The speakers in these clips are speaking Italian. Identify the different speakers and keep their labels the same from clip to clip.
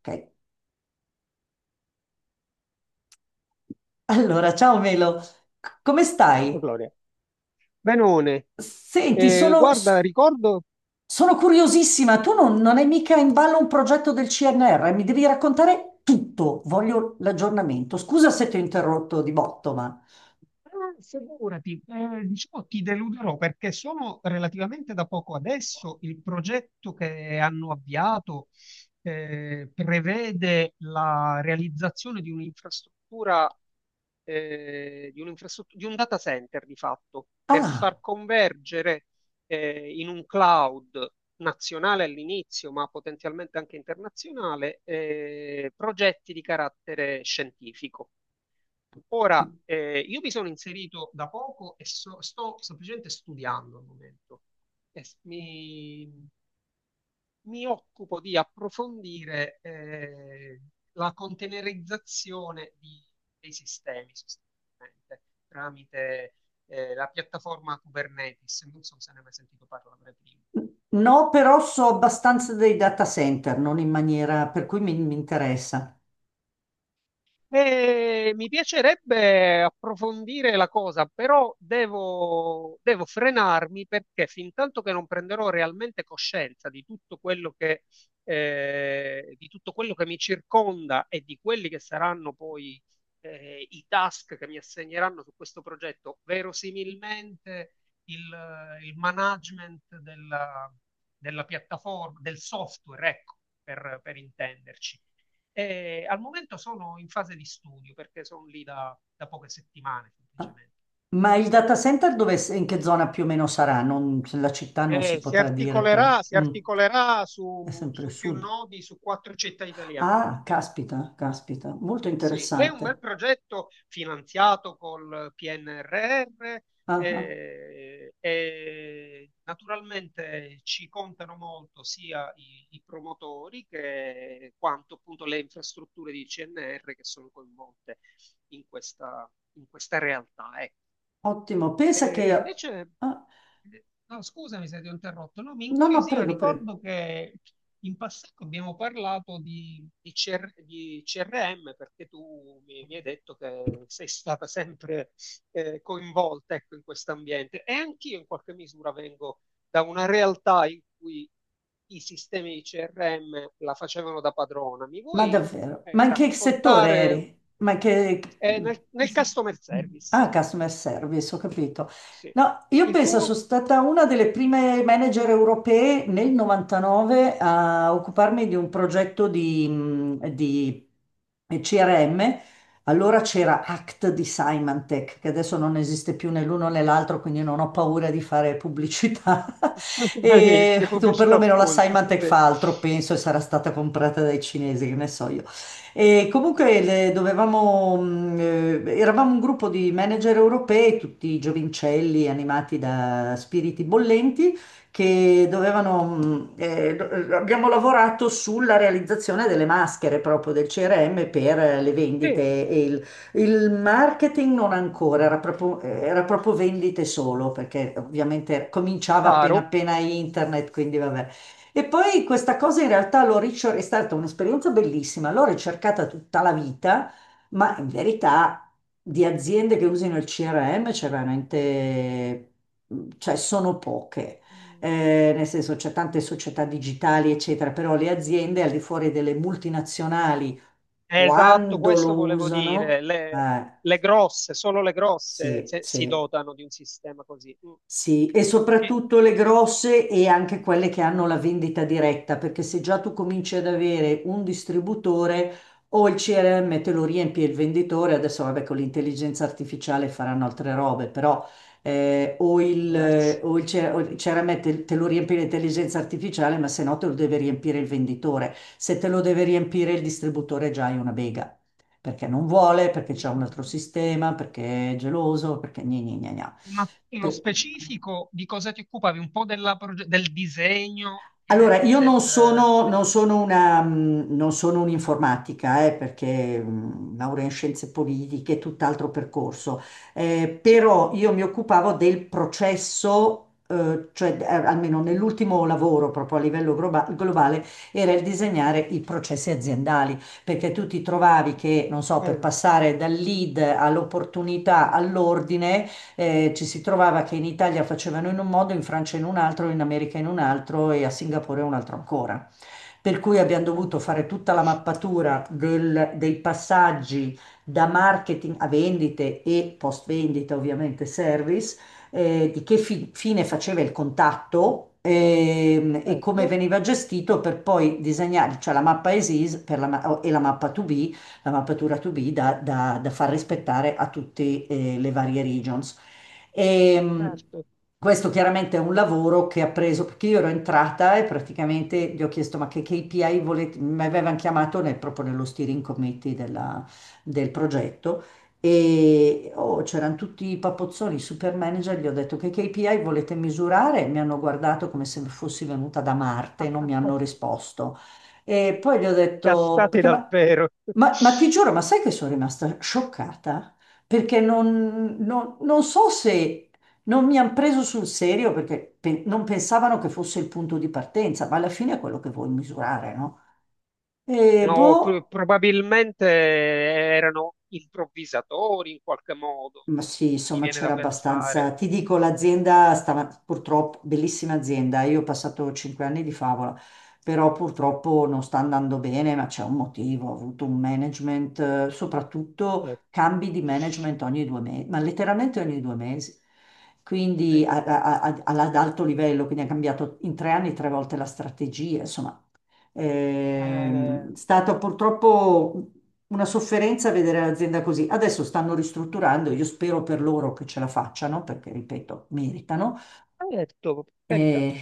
Speaker 1: Ok. Allora, ciao Melo, come stai?
Speaker 2: Oh, Gloria. Benone,
Speaker 1: Senti,
Speaker 2: guarda, ricordo.
Speaker 1: sono curiosissima, tu non hai mica in ballo un progetto del CNR, mi devi raccontare tutto, voglio l'aggiornamento. Scusa se ti ho interrotto di botto, ma...
Speaker 2: Figurati, diciamo ti deluderò perché sono relativamente da poco adesso il progetto che hanno avviato prevede la realizzazione di un'infrastruttura, di un data center di fatto, per
Speaker 1: Ah,
Speaker 2: far convergere in un cloud nazionale all'inizio, ma potenzialmente anche internazionale, progetti di carattere scientifico. Ora, io mi sono inserito da poco e sto semplicemente studiando al momento. E s- mi, mi occupo di approfondire la containerizzazione dei sistemi sostanzialmente, tramite la piattaforma Kubernetes. Non so se ne hai mai sentito parlare prima.
Speaker 1: no, però so abbastanza dei data center, non in maniera per cui mi interessa.
Speaker 2: Mi piacerebbe approfondire la cosa, però devo frenarmi perché fin tanto che non prenderò realmente coscienza di tutto quello che, di tutto quello che mi circonda e di quelli che saranno poi, i task che mi assegneranno su questo progetto, verosimilmente il, il management della piattaforma, del software, ecco, per intenderci, e al momento sono in fase di studio perché sono lì da poche settimane
Speaker 1: Ah,
Speaker 2: semplicemente.
Speaker 1: ma il data center dove, in che zona più o meno sarà? La città non si
Speaker 2: Eh, si
Speaker 1: potrà dire, però.
Speaker 2: articolerà, si
Speaker 1: Mm,
Speaker 2: articolerà
Speaker 1: è
Speaker 2: su,
Speaker 1: sempre il
Speaker 2: più
Speaker 1: sud.
Speaker 2: nodi, su quattro città italiane.
Speaker 1: Ah, caspita, caspita, molto
Speaker 2: Sì, è un bel
Speaker 1: interessante.
Speaker 2: progetto finanziato col PNRR,
Speaker 1: Ah, ah,
Speaker 2: e naturalmente ci contano molto sia i promotori, che quanto appunto le infrastrutture di CNR che sono coinvolte in questa, in questa realtà. Ecco.
Speaker 1: ottimo. Pensa
Speaker 2: Eh,
Speaker 1: che...
Speaker 2: invece,
Speaker 1: Ah,
Speaker 2: no, scusami se ti ho interrotto, no, mi
Speaker 1: no, no,
Speaker 2: incuriosiva,
Speaker 1: prego, prego.
Speaker 2: ricordo che in passato abbiamo parlato di CRM perché tu mi hai detto che sei stata sempre coinvolta, ecco, in questo ambiente, e anch'io in qualche misura vengo da una realtà in cui i sistemi di CRM la facevano da padrona. Mi
Speaker 1: Ma
Speaker 2: vuoi
Speaker 1: davvero? Ma in che settore
Speaker 2: raccontare,
Speaker 1: eri? Ma in che...
Speaker 2: nel,
Speaker 1: che
Speaker 2: nel
Speaker 1: se-
Speaker 2: customer service?
Speaker 1: Ah, customer service, ho capito.
Speaker 2: Sì.
Speaker 1: No, io
Speaker 2: Il
Speaker 1: penso sono
Speaker 2: tuo?
Speaker 1: stata una delle prime manager europee nel 99 a occuparmi di un progetto di CRM. Allora c'era Act di Symantec, che adesso non esiste più né l'uno né l'altro, quindi non ho
Speaker 2: Mm.
Speaker 1: paura di fare pubblicità. E,
Speaker 2: Benissimo,
Speaker 1: o
Speaker 2: pubblicità
Speaker 1: perlomeno la
Speaker 2: occulta.
Speaker 1: Symantec
Speaker 2: Sì,
Speaker 1: fa altro, penso, e sarà stata comprata dai cinesi, che ne so io. E comunque dovevamo, eravamo un gruppo di manager europei, tutti giovincelli animati da spiriti bollenti che abbiamo lavorato sulla realizzazione delle maschere proprio del CRM per le
Speaker 2: sì,
Speaker 1: vendite e il marketing non ancora, era proprio vendite solo, perché ovviamente cominciava appena
Speaker 2: chiaro.
Speaker 1: appena internet, quindi vabbè. E poi questa cosa in realtà è stata un'esperienza bellissima, l'ho ricercata tutta la vita, ma in verità di aziende che usano il CRM c'è veramente, cioè sono poche, nel senso c'è tante società digitali, eccetera, però le aziende al di fuori delle multinazionali,
Speaker 2: Esatto,
Speaker 1: quando lo
Speaker 2: questo volevo dire.
Speaker 1: usano,
Speaker 2: Le, le grosse, solo le grosse
Speaker 1: sì,
Speaker 2: si
Speaker 1: sì.
Speaker 2: dotano di un sistema così. Mm.
Speaker 1: Sì, e
Speaker 2: E
Speaker 1: soprattutto le grosse e anche quelle che hanno la vendita diretta, perché se già tu cominci ad avere un distributore o il CRM te lo riempie il venditore, adesso vabbè con l'intelligenza artificiale faranno altre robe, però
Speaker 2: diversi.
Speaker 1: o il CRM te lo riempie l'intelligenza artificiale, ma se no te lo deve riempire il venditore. Se te lo deve riempire il distributore già hai una bega, perché non vuole, perché c'è un altro sistema, perché è geloso, perché gna gna gna gna.
Speaker 2: Ma nello
Speaker 1: Per-
Speaker 2: specifico di cosa ti occupavi? Un po' del disegno,
Speaker 1: Allora, io
Speaker 2: de-
Speaker 1: non sono un'informatica, perché laurea in scienze politiche, tutt'altro percorso.
Speaker 2: Sì,
Speaker 1: Però io mi occupavo del processo, cioè almeno nell'ultimo lavoro proprio a livello globale, era il disegnare i processi aziendali, perché tu ti trovavi che, non so, per
Speaker 2: bene.
Speaker 1: passare dal lead all'opportunità all'ordine, ci si trovava che in Italia facevano in un modo, in Francia in un altro, in America in un altro e a Singapore un altro ancora. Per cui abbiamo dovuto fare tutta la mappatura dei passaggi da marketing a vendite e post vendita, ovviamente service, di che fine faceva il contatto, e come
Speaker 2: Certo,
Speaker 1: veniva gestito per poi disegnare, cioè la mappa ESIS per e la mappa 2B, la mappatura 2B da far rispettare a tutte le varie regions. E, mh,
Speaker 2: certo.
Speaker 1: questo chiaramente è un lavoro che ha preso, perché io ero entrata e praticamente gli ho chiesto ma che KPI volete, mi avevano chiamato proprio nello steering committee del progetto e oh, c'erano tutti i papozzoni, i super manager, gli ho detto che KPI volete misurare? Mi hanno guardato come se fossi venuta da Marte, non mi hanno
Speaker 2: Accasta-
Speaker 1: risposto. E poi gli ho detto,
Speaker 2: Cascati
Speaker 1: perché
Speaker 2: dal pero.
Speaker 1: ma ti giuro, ma sai che sono rimasta scioccata? Perché non so se non mi hanno preso sul serio perché non pensavano che fosse il punto di partenza, ma alla fine è quello che vuoi misurare, no? E
Speaker 2: No,
Speaker 1: boh,
Speaker 2: probabilmente erano improvvisatori in qualche modo,
Speaker 1: ma sì,
Speaker 2: mi
Speaker 1: insomma
Speaker 2: viene da
Speaker 1: c'era
Speaker 2: pensare.
Speaker 1: abbastanza. Ti dico, l'azienda stava purtroppo, bellissima azienda, io ho passato 5 anni di favola, però purtroppo non sta andando bene, ma c'è un motivo, ho avuto un management,
Speaker 2: Eh,
Speaker 1: soprattutto cambi di management ogni 2 mesi, ma letteralmente ogni 2 mesi,
Speaker 2: eh,
Speaker 1: quindi ad alto livello, quindi ha cambiato in 3 anni tre volte la strategia, insomma è
Speaker 2: eh,
Speaker 1: stata purtroppo una sofferenza vedere l'azienda così. Adesso stanno ristrutturando, io spero per loro che ce la facciano, perché ripeto, meritano.
Speaker 2: hai detto, per carità.
Speaker 1: Eh,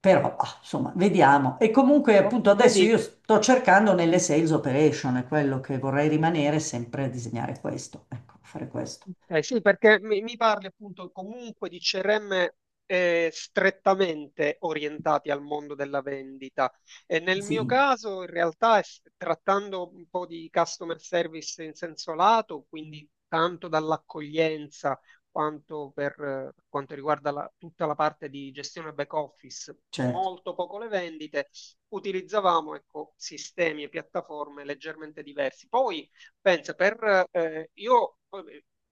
Speaker 1: però, ah, insomma, vediamo. E comunque,
Speaker 2: No,
Speaker 1: appunto, adesso io
Speaker 2: vedi,
Speaker 1: sto cercando nelle sales operation, è quello che vorrei rimanere sempre a disegnare questo, ecco, fare questo.
Speaker 2: ok, sì, perché mi parli appunto comunque di CRM strettamente orientati al mondo della vendita. E nel mio
Speaker 1: Sì,
Speaker 2: caso, in realtà, trattando un po' di customer service in senso lato, quindi tanto dall'accoglienza quanto per quanto riguarda la- tutta la parte di gestione back office,
Speaker 1: certo.
Speaker 2: molto poco le vendite, utilizzavamo ecco, sistemi e piattaforme leggermente diversi. Poi, pensa, io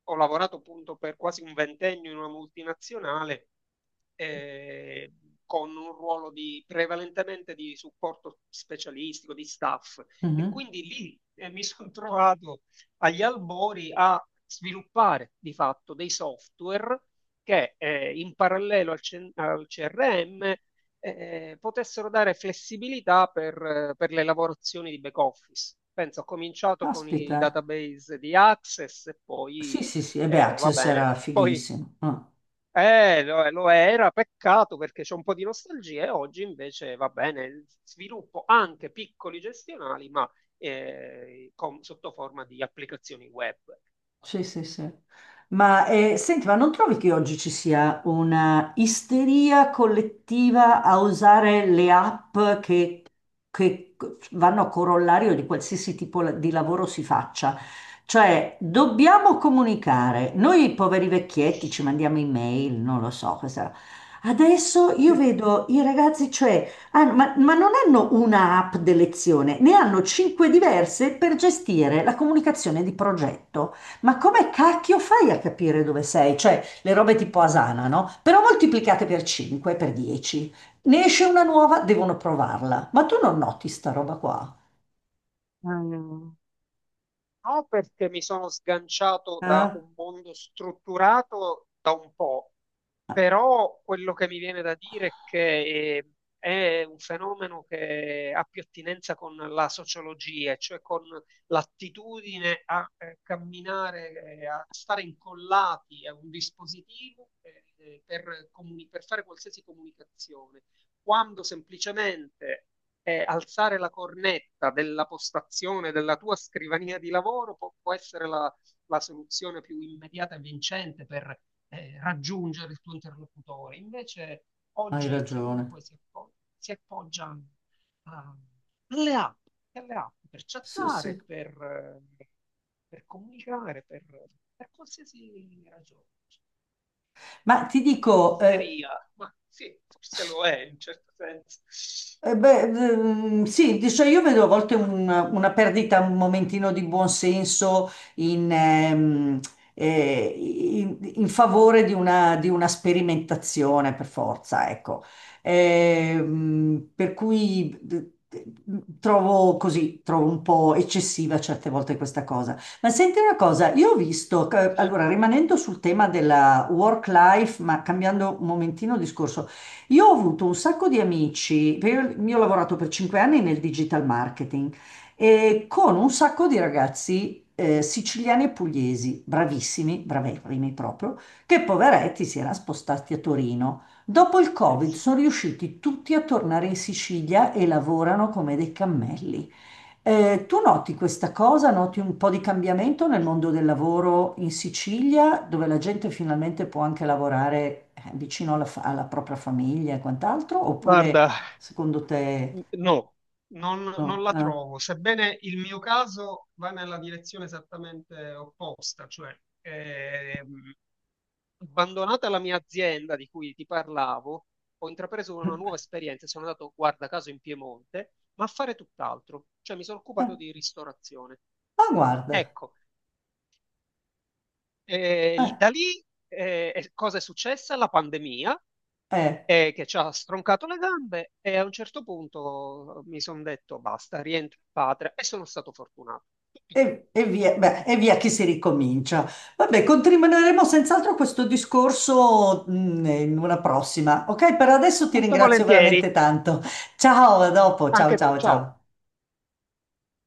Speaker 2: ho lavorato appunto per quasi un ventennio in una multinazionale, eh, con un ruolo prevalentemente di supporto specialistico, di staff. E
Speaker 1: Mhm.
Speaker 2: quindi lì mi sono trovato agli albori a sviluppare di fatto dei software che, in parallelo al CRM, potessero dare flessibilità per le lavorazioni di back office. Penso, ho cominciato con i
Speaker 1: Caspita.
Speaker 2: database di Access, e
Speaker 1: Sì,
Speaker 2: poi
Speaker 1: sì, sì, e beh,
Speaker 2: va
Speaker 1: Access
Speaker 2: bene,
Speaker 1: era
Speaker 2: poi
Speaker 1: fighissimo. Ah.
Speaker 2: lo era, peccato, perché c'è un po' di nostalgia e oggi invece va bene, sviluppo anche piccoli gestionali, ma sotto forma di applicazioni web.
Speaker 1: Sì, sì, sì. Ma senti, ma non trovi che oggi ci sia una isteria collettiva a usare le app che vanno a corollario di qualsiasi tipo di lavoro si faccia? Cioè, dobbiamo comunicare. Noi poveri vecchietti ci mandiamo email, non lo so cosa. Adesso io vedo i ragazzi, cioè, ma non hanno una app di lezione, ne hanno cinque diverse per gestire la comunicazione di progetto. Ma come cacchio fai a capire dove sei? Cioè, le robe tipo Asana, no? Però moltiplicate per 5, per 10. Ne esce una nuova, devono provarla. Ma tu non noti sta roba qua?
Speaker 2: Mm. No, perché mi sono sganciato da
Speaker 1: Eh?
Speaker 2: un mondo strutturato da un po'. Però quello che mi viene da dire è che è un fenomeno che ha più attinenza con la sociologia, cioè con l'attitudine a camminare, a stare incollati a un dispositivo per fare qualsiasi comunicazione, quando semplicemente alzare la cornetta della postazione della tua scrivania di lavoro può essere la soluzione più immediata e vincente per raggiungere il tuo interlocutore. Invece
Speaker 1: Hai
Speaker 2: oggi
Speaker 1: ragione.
Speaker 2: chiunque si appoggia alle, app, alle app, per
Speaker 1: Sì, sì.
Speaker 2: chattare, eh, per comunicare, per qualsiasi ragione.
Speaker 1: Ma ti
Speaker 2: Di
Speaker 1: dico, eh,
Speaker 2: isteria, ma sì, forse lo è in un certo senso.
Speaker 1: Eh beh, sì, dice, io vedo a volte una perdita, un momentino di buonsenso in, in favore di di una sperimentazione per forza, ecco. Per cui trovo così, trovo un po' eccessiva certe volte questa cosa. Ma senti una cosa, io ho visto, allora rimanendo sul tema della work life, ma cambiando un momentino discorso, io ho avuto un sacco di amici, perché io ho lavorato per 5 anni nel digital marketing e con un sacco di ragazzi siciliani e pugliesi, bravissimi, bravissimi proprio, che poveretti si erano spostati a Torino. Dopo il
Speaker 2: Eh
Speaker 1: Covid
Speaker 2: sì.
Speaker 1: sono riusciti tutti a tornare in Sicilia e lavorano come dei cammelli. Tu noti questa cosa, noti un po' di cambiamento nel mondo del lavoro in Sicilia, dove la gente finalmente può anche lavorare vicino alla, alla propria famiglia e quant'altro, oppure
Speaker 2: Guarda,
Speaker 1: secondo te
Speaker 2: no, non
Speaker 1: no?
Speaker 2: la
Speaker 1: No?
Speaker 2: trovo, sebbene il mio caso va nella direzione esattamente opposta, cioè ehm, abbandonata la mia azienda di cui ti parlavo, ho intrapreso una nuova esperienza, e sono andato, guarda caso, in Piemonte, ma a fare tutt'altro, cioè mi sono
Speaker 1: Eh,
Speaker 2: occupato di ristorazione.
Speaker 1: ah, guarda,
Speaker 2: Ecco,
Speaker 1: eh,
Speaker 2: da lì cosa è successa? La pandemia,
Speaker 1: eh,
Speaker 2: e che ci ha stroncato le gambe, e a un certo punto mi sono detto basta, rientro in patria e sono stato fortunato. Tutto qua.
Speaker 1: e via, beh, e via che si ricomincia. Vabbè, continueremo senz'altro questo discorso, in una prossima. Ok, per adesso ti
Speaker 2: Molto
Speaker 1: ringrazio
Speaker 2: volentieri,
Speaker 1: veramente tanto. Ciao, a dopo, ciao
Speaker 2: anche tu,
Speaker 1: ciao
Speaker 2: ciao.
Speaker 1: ciao.